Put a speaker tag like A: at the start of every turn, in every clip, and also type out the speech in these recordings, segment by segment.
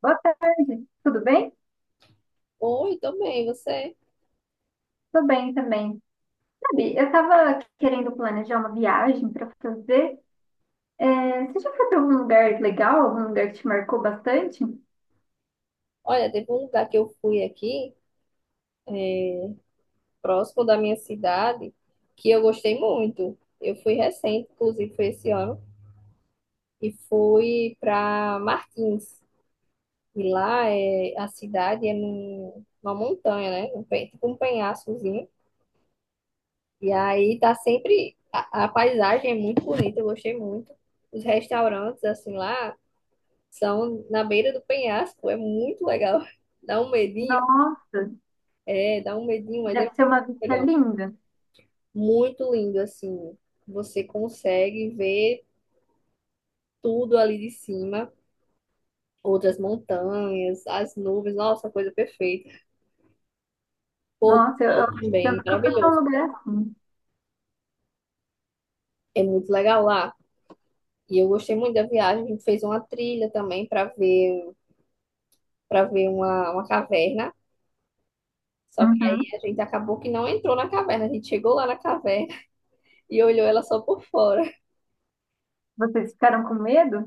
A: Boa tarde, tudo bem?
B: Oi, tô bem, você?
A: Tô bem também. Sabe, eu tava querendo planejar uma viagem pra fazer. É, você já foi pra algum lugar legal? Algum lugar que te marcou bastante?
B: Olha, teve um lugar que eu fui aqui, próximo da minha cidade, que eu gostei muito. Eu fui recente, inclusive foi esse ano, e fui para Martins. E lá é a cidade numa montanha, né? Tipo um penhascozinho. E aí tá sempre a paisagem é muito bonita, eu gostei muito. Os restaurantes assim lá são na beira do penhasco, é muito legal. Dá um medinho,
A: Nossa,
B: é, dá um medinho, mas é
A: deve ser
B: muito
A: uma vista
B: legal.
A: linda.
B: Muito lindo, assim. Você consegue ver tudo ali de cima, outras montanhas, as nuvens, nossa, coisa perfeita. Pôr do
A: Nossa, eu
B: sol
A: acho que eu
B: também,
A: nunca fui pra um
B: maravilhoso.
A: lugar assim.
B: É muito legal lá. E eu gostei muito da viagem. A gente fez uma trilha também para ver uma caverna. Só que aí
A: Uhum.
B: a gente acabou que não entrou na caverna. A gente chegou lá na caverna e olhou ela só por fora.
A: Vocês ficaram com medo?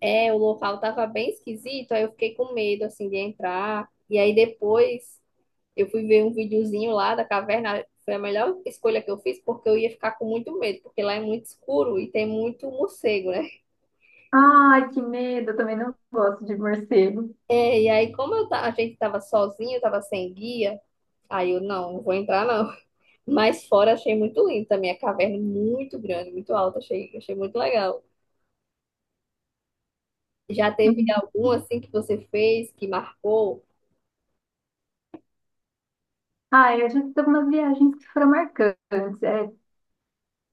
B: É, o local tava bem esquisito, aí eu fiquei com medo assim de entrar. E aí depois eu fui ver um videozinho lá da caverna, foi a melhor escolha que eu fiz, porque eu ia ficar com muito medo, porque lá é muito escuro e tem muito morcego, né?
A: Ai, que medo, eu também não gosto de morcego.
B: É, e aí, a gente tava sozinho, eu tava sem guia, aí eu não vou entrar não. Mas fora achei muito lindo também, a caverna muito grande, muito alta, achei muito legal. Já teve
A: Uhum.
B: algum assim que você fez, que marcou?
A: Ah, eu já fiz algumas viagens que foram marcantes. É,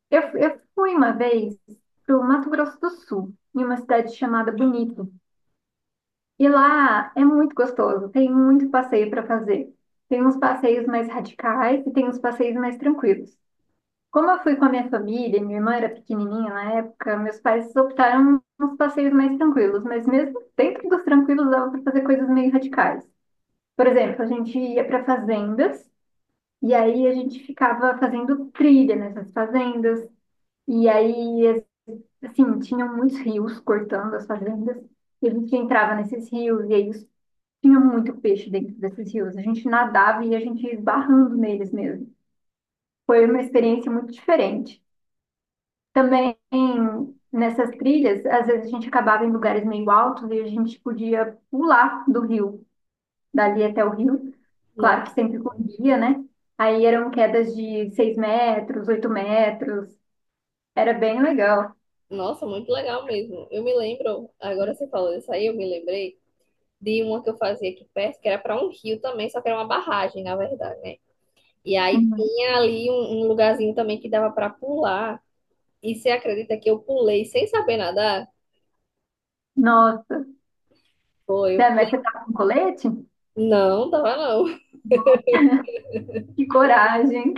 A: Eu fui uma vez para o Mato Grosso do Sul, em uma cidade chamada Bonito. E lá é muito gostoso, tem muito passeio para fazer. Tem uns passeios mais radicais e tem uns passeios mais tranquilos. Como eu fui com a minha família, minha irmã era pequenininha na época, meus pais optaram uns passeios mais tranquilos, mas mesmo dentro dos tranquilos dava para fazer coisas meio radicais. Por exemplo, a gente ia para fazendas e aí a gente ficava fazendo trilha nessas fazendas. E aí assim, tinham muitos rios cortando as fazendas, e a gente entrava nesses rios, e tinha muito peixe dentro desses rios. A gente nadava e a gente ia esbarrando neles mesmo. Foi uma experiência muito diferente. Também nessas trilhas, às vezes a gente acabava em lugares meio altos e a gente podia pular do rio, dali até o rio,
B: No-
A: claro que sempre com guia, né? Aí eram quedas de 6 metros, 8 metros, era bem legal.
B: Nossa, muito legal mesmo. Eu me lembro, agora você falou isso aí, eu me lembrei de uma que eu fazia aqui perto, que era para um rio também, só que era uma barragem, na verdade, né? E aí
A: Uhum.
B: tinha ali um lugarzinho também que dava para pular. E você acredita que eu pulei sem saber nadar?
A: Nossa,
B: Foi, eu...
A: Dé, mas você tá com colete?
B: Não, tava não.
A: Que coragem.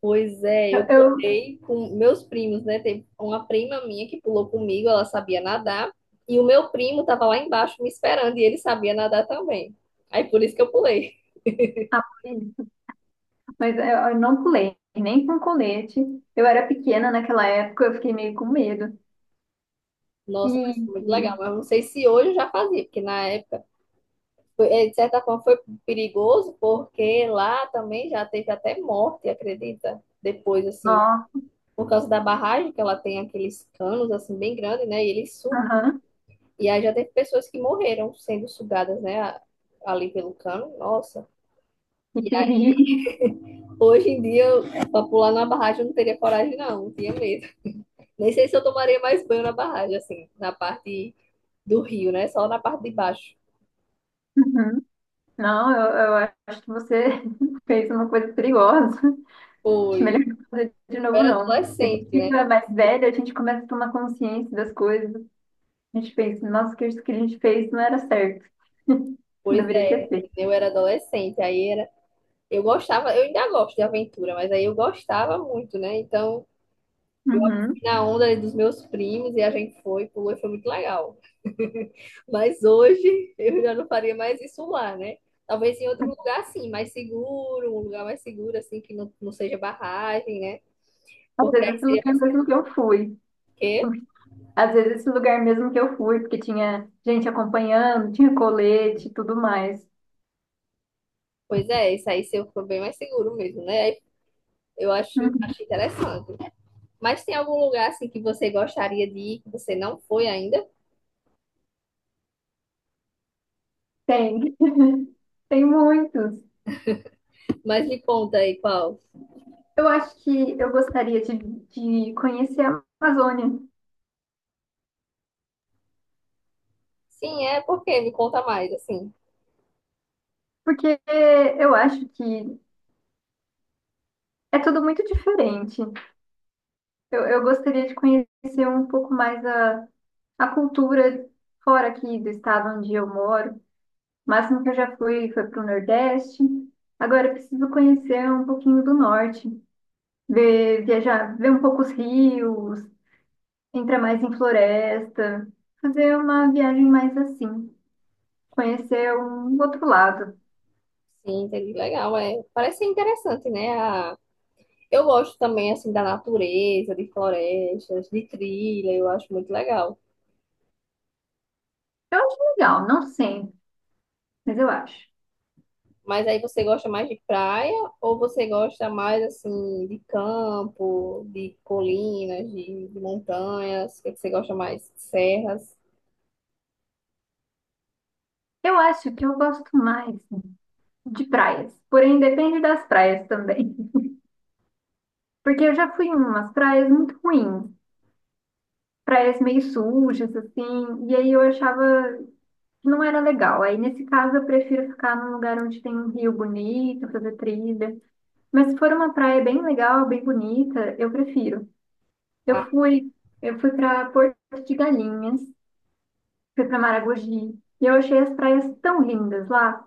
B: Pois é,
A: Eu,
B: eu
A: eu-
B: pulei com meus primos, né? Teve uma prima minha que pulou comigo, ela sabia nadar. E o meu primo tava lá embaixo me esperando e ele sabia nadar também. Aí por isso que eu pulei.
A: mas eu não pulei, nem com colete. Eu era pequena naquela época, eu fiquei meio com medo. E,
B: Nossa, mas foi muito legal.
A: e-
B: Mas não sei se hoje eu já fazia, porque na época de certa forma, foi perigoso, porque lá também já teve até morte, acredita? Depois, assim,
A: nossa,
B: por causa da barragem, que ela tem aqueles canos, assim, bem grandes, né? E eles sugam.
A: aham,
B: E aí já teve pessoas que morreram sendo sugadas, né? Ali pelo cano. Nossa.
A: e perigo.
B: Hoje em dia, para pular na barragem, eu não teria coragem, não. Não tinha medo. Nem sei se eu tomaria mais banho na barragem, assim, na parte do rio, né? Só na parte de baixo.
A: Uhum. Não, eu acho que você fez uma coisa perigosa. Acho
B: Foi.
A: melhor não fazer de
B: Eu
A: novo,
B: era
A: não. A gente
B: adolescente, né?
A: fica mais velho, a gente começa a tomar consciência das coisas. A gente pensa, nossa, que isso que a gente fez não era certo. Não
B: Pois
A: deveria ter
B: é,
A: feito.
B: eu era adolescente. Aí era. Eu gostava, eu ainda gosto de aventura, mas aí eu gostava muito, né? Então eu
A: Uhum.
B: fui na onda ali dos meus primos e a gente foi, pulou e foi muito legal. Mas hoje eu já não faria mais isso lá, né? Talvez em outro lugar assim, mais seguro, um lugar mais seguro, assim, que não seja barragem, né?
A: Às
B: Porque
A: vezes,
B: aí
A: esse
B: seria
A: lugar
B: mais
A: mesmo que
B: seguro.
A: eu fui.
B: Porque,
A: Às vezes esse lugar mesmo que eu fui, porque tinha gente acompanhando, tinha colete e tudo mais.
B: pois é, isso aí seria bem mais seguro mesmo, né? Aí eu
A: Uhum.
B: acho interessante. Mas tem algum lugar assim que você gostaria de ir, que você não foi ainda?
A: Tem, tem muitos.
B: Mas me conta aí qual.
A: Eu acho que eu gostaria de conhecer a Amazônia,
B: Sim, é porque me conta mais, assim.
A: porque eu acho que é tudo muito diferente. Eu gostaria de conhecer um pouco mais a cultura fora aqui do estado onde eu moro. O máximo que eu já fui foi para o Nordeste. Agora eu preciso conhecer um pouquinho do Norte. Ver, viajar, ver um pouco os rios, entrar mais em floresta, fazer uma viagem mais assim, conhecer um outro lado.
B: Sim, entendi. Legal, é. Parece ser interessante, né? A... Eu gosto também, assim, da natureza, de florestas, de trilha, eu acho muito legal.
A: Eu acho legal, não sempre, mas eu acho.
B: Mas aí você gosta mais de praia ou você gosta mais, assim, de campo, de colinas, de montanhas? O que é que você gosta mais? Serras?
A: Eu acho que eu gosto mais de praias, porém depende das praias também, porque eu já fui em umas praias muito ruins, praias meio sujas assim, e aí eu achava que não era legal. Aí nesse caso eu prefiro ficar num lugar onde tem um rio bonito, fazer trilha. Mas se for uma praia bem legal, bem bonita, eu prefiro.
B: Ah,
A: Eu fui, eu fui para Porto de Galinhas, fui para Maragogi, e eu achei as praias tão lindas lá.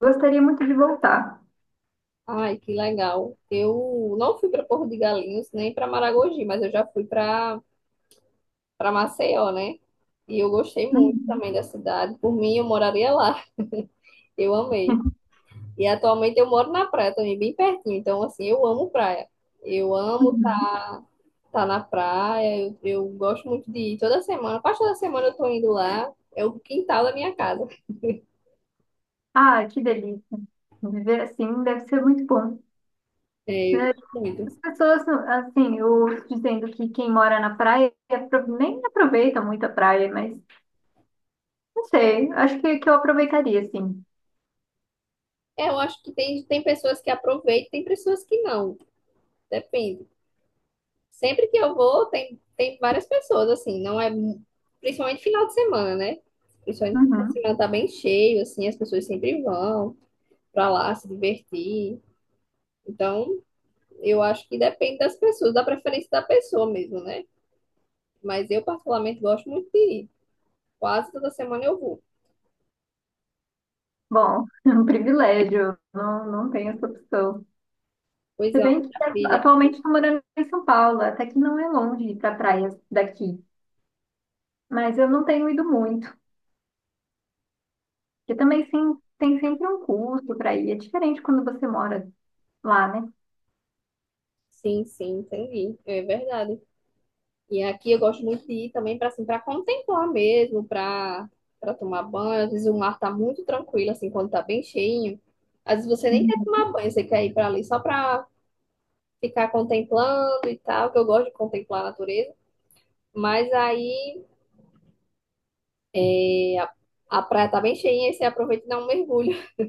A: Gostaria muito de voltar.
B: ai, que legal. Eu não fui para Porto de Galinhos nem para Maragogi, mas eu já fui para Maceió, né? E eu gostei muito
A: Uhum.
B: também da cidade. Por mim, eu moraria lá. Eu amei. E atualmente eu moro na praia também, bem pertinho. Então, assim, eu amo praia. Eu amo
A: Uhum.
B: estar na praia. Eu gosto muito de ir toda semana. Quase toda semana eu tô indo lá. É o quintal da minha casa.
A: Ah, que delícia. Viver assim deve ser muito bom.
B: É, eu
A: Né?
B: gosto
A: As
B: muito.
A: pessoas, assim, eu dizendo que quem mora na praia nem aproveita muito a praia, mas não sei, acho que eu aproveitaria, sim.
B: É, eu acho que tem pessoas que aproveitam, tem pessoas que não. Depende. Sempre que eu vou, tem várias pessoas, assim, não é. Principalmente final de semana, né? Principalmente final de
A: Uhum.
B: semana tá bem cheio, assim, as pessoas sempre vão pra lá se divertir. Então, eu acho que depende das pessoas, da preferência da pessoa mesmo, né? Mas eu, particularmente, gosto muito de ir. Quase toda semana eu vou.
A: Bom, é um privilégio, não tenho essa opção.
B: Pois
A: Se
B: é, uma
A: bem que
B: maravilha.
A: atualmente estou morando em São Paulo, até que não é longe ir para praias daqui, mas eu não tenho ido muito, porque também sim, tem sempre um custo para ir, é diferente quando você mora lá, né?
B: Sim, sim, entendi. É verdade. E aqui eu gosto muito de ir também para assim, para contemplar mesmo, para tomar banho. Às vezes o mar tá muito tranquilo assim quando tá bem cheinho. Às vezes você nem quer
A: Uhum.
B: tomar banho, você quer ir para ali só para ficar contemplando e tal, que eu gosto de contemplar a natureza. Mas aí é, a, a praia tá bem cheinha e você aproveita e dá um mergulho.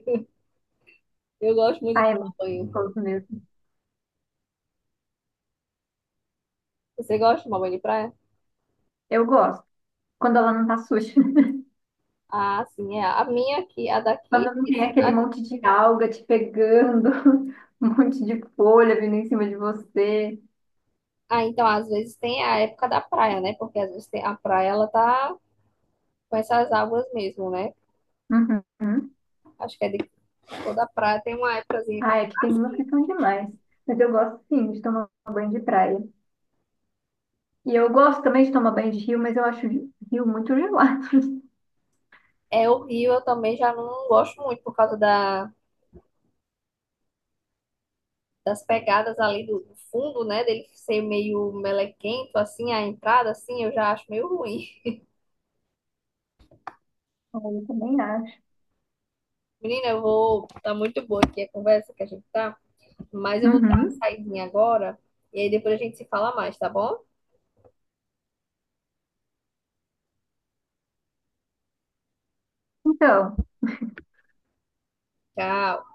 B: Eu gosto muito de
A: Ah, é
B: tomar banho.
A: gostoso mesmo.
B: Você gosta de tomar banho de praia?
A: Eu gosto, quando ela não tá suja,
B: Ah, sim, é. A minha aqui, a daqui.
A: quando não tem aquele monte de alga te pegando, um monte de folha vindo em cima de você.
B: Ah, então às vezes tem a época da praia, né? Porque às vezes tem, a praia ela tá com essas águas mesmo, né?
A: Uhum.
B: Acho que é de toda praia tem uma épocazinha que
A: Ah, é que
B: é
A: tem umas que
B: horrível.
A: são demais. Mas eu gosto sim de tomar banho de praia. E eu gosto também de tomar banho de rio, mas eu acho rio muito gelado.
B: É, o eu também já não gosto muito por causa das pegadas ali do fundo, né? Dele ser meio melequento, assim, a entrada, assim, eu já acho meio ruim.
A: Ah, eu também acho.
B: Menina, eu vou. Tá muito boa aqui a conversa que a gente tá, mas eu vou dar uma
A: Uhum.
B: saidinha agora e aí depois a gente se fala mais, tá bom?
A: Então.
B: Tchau.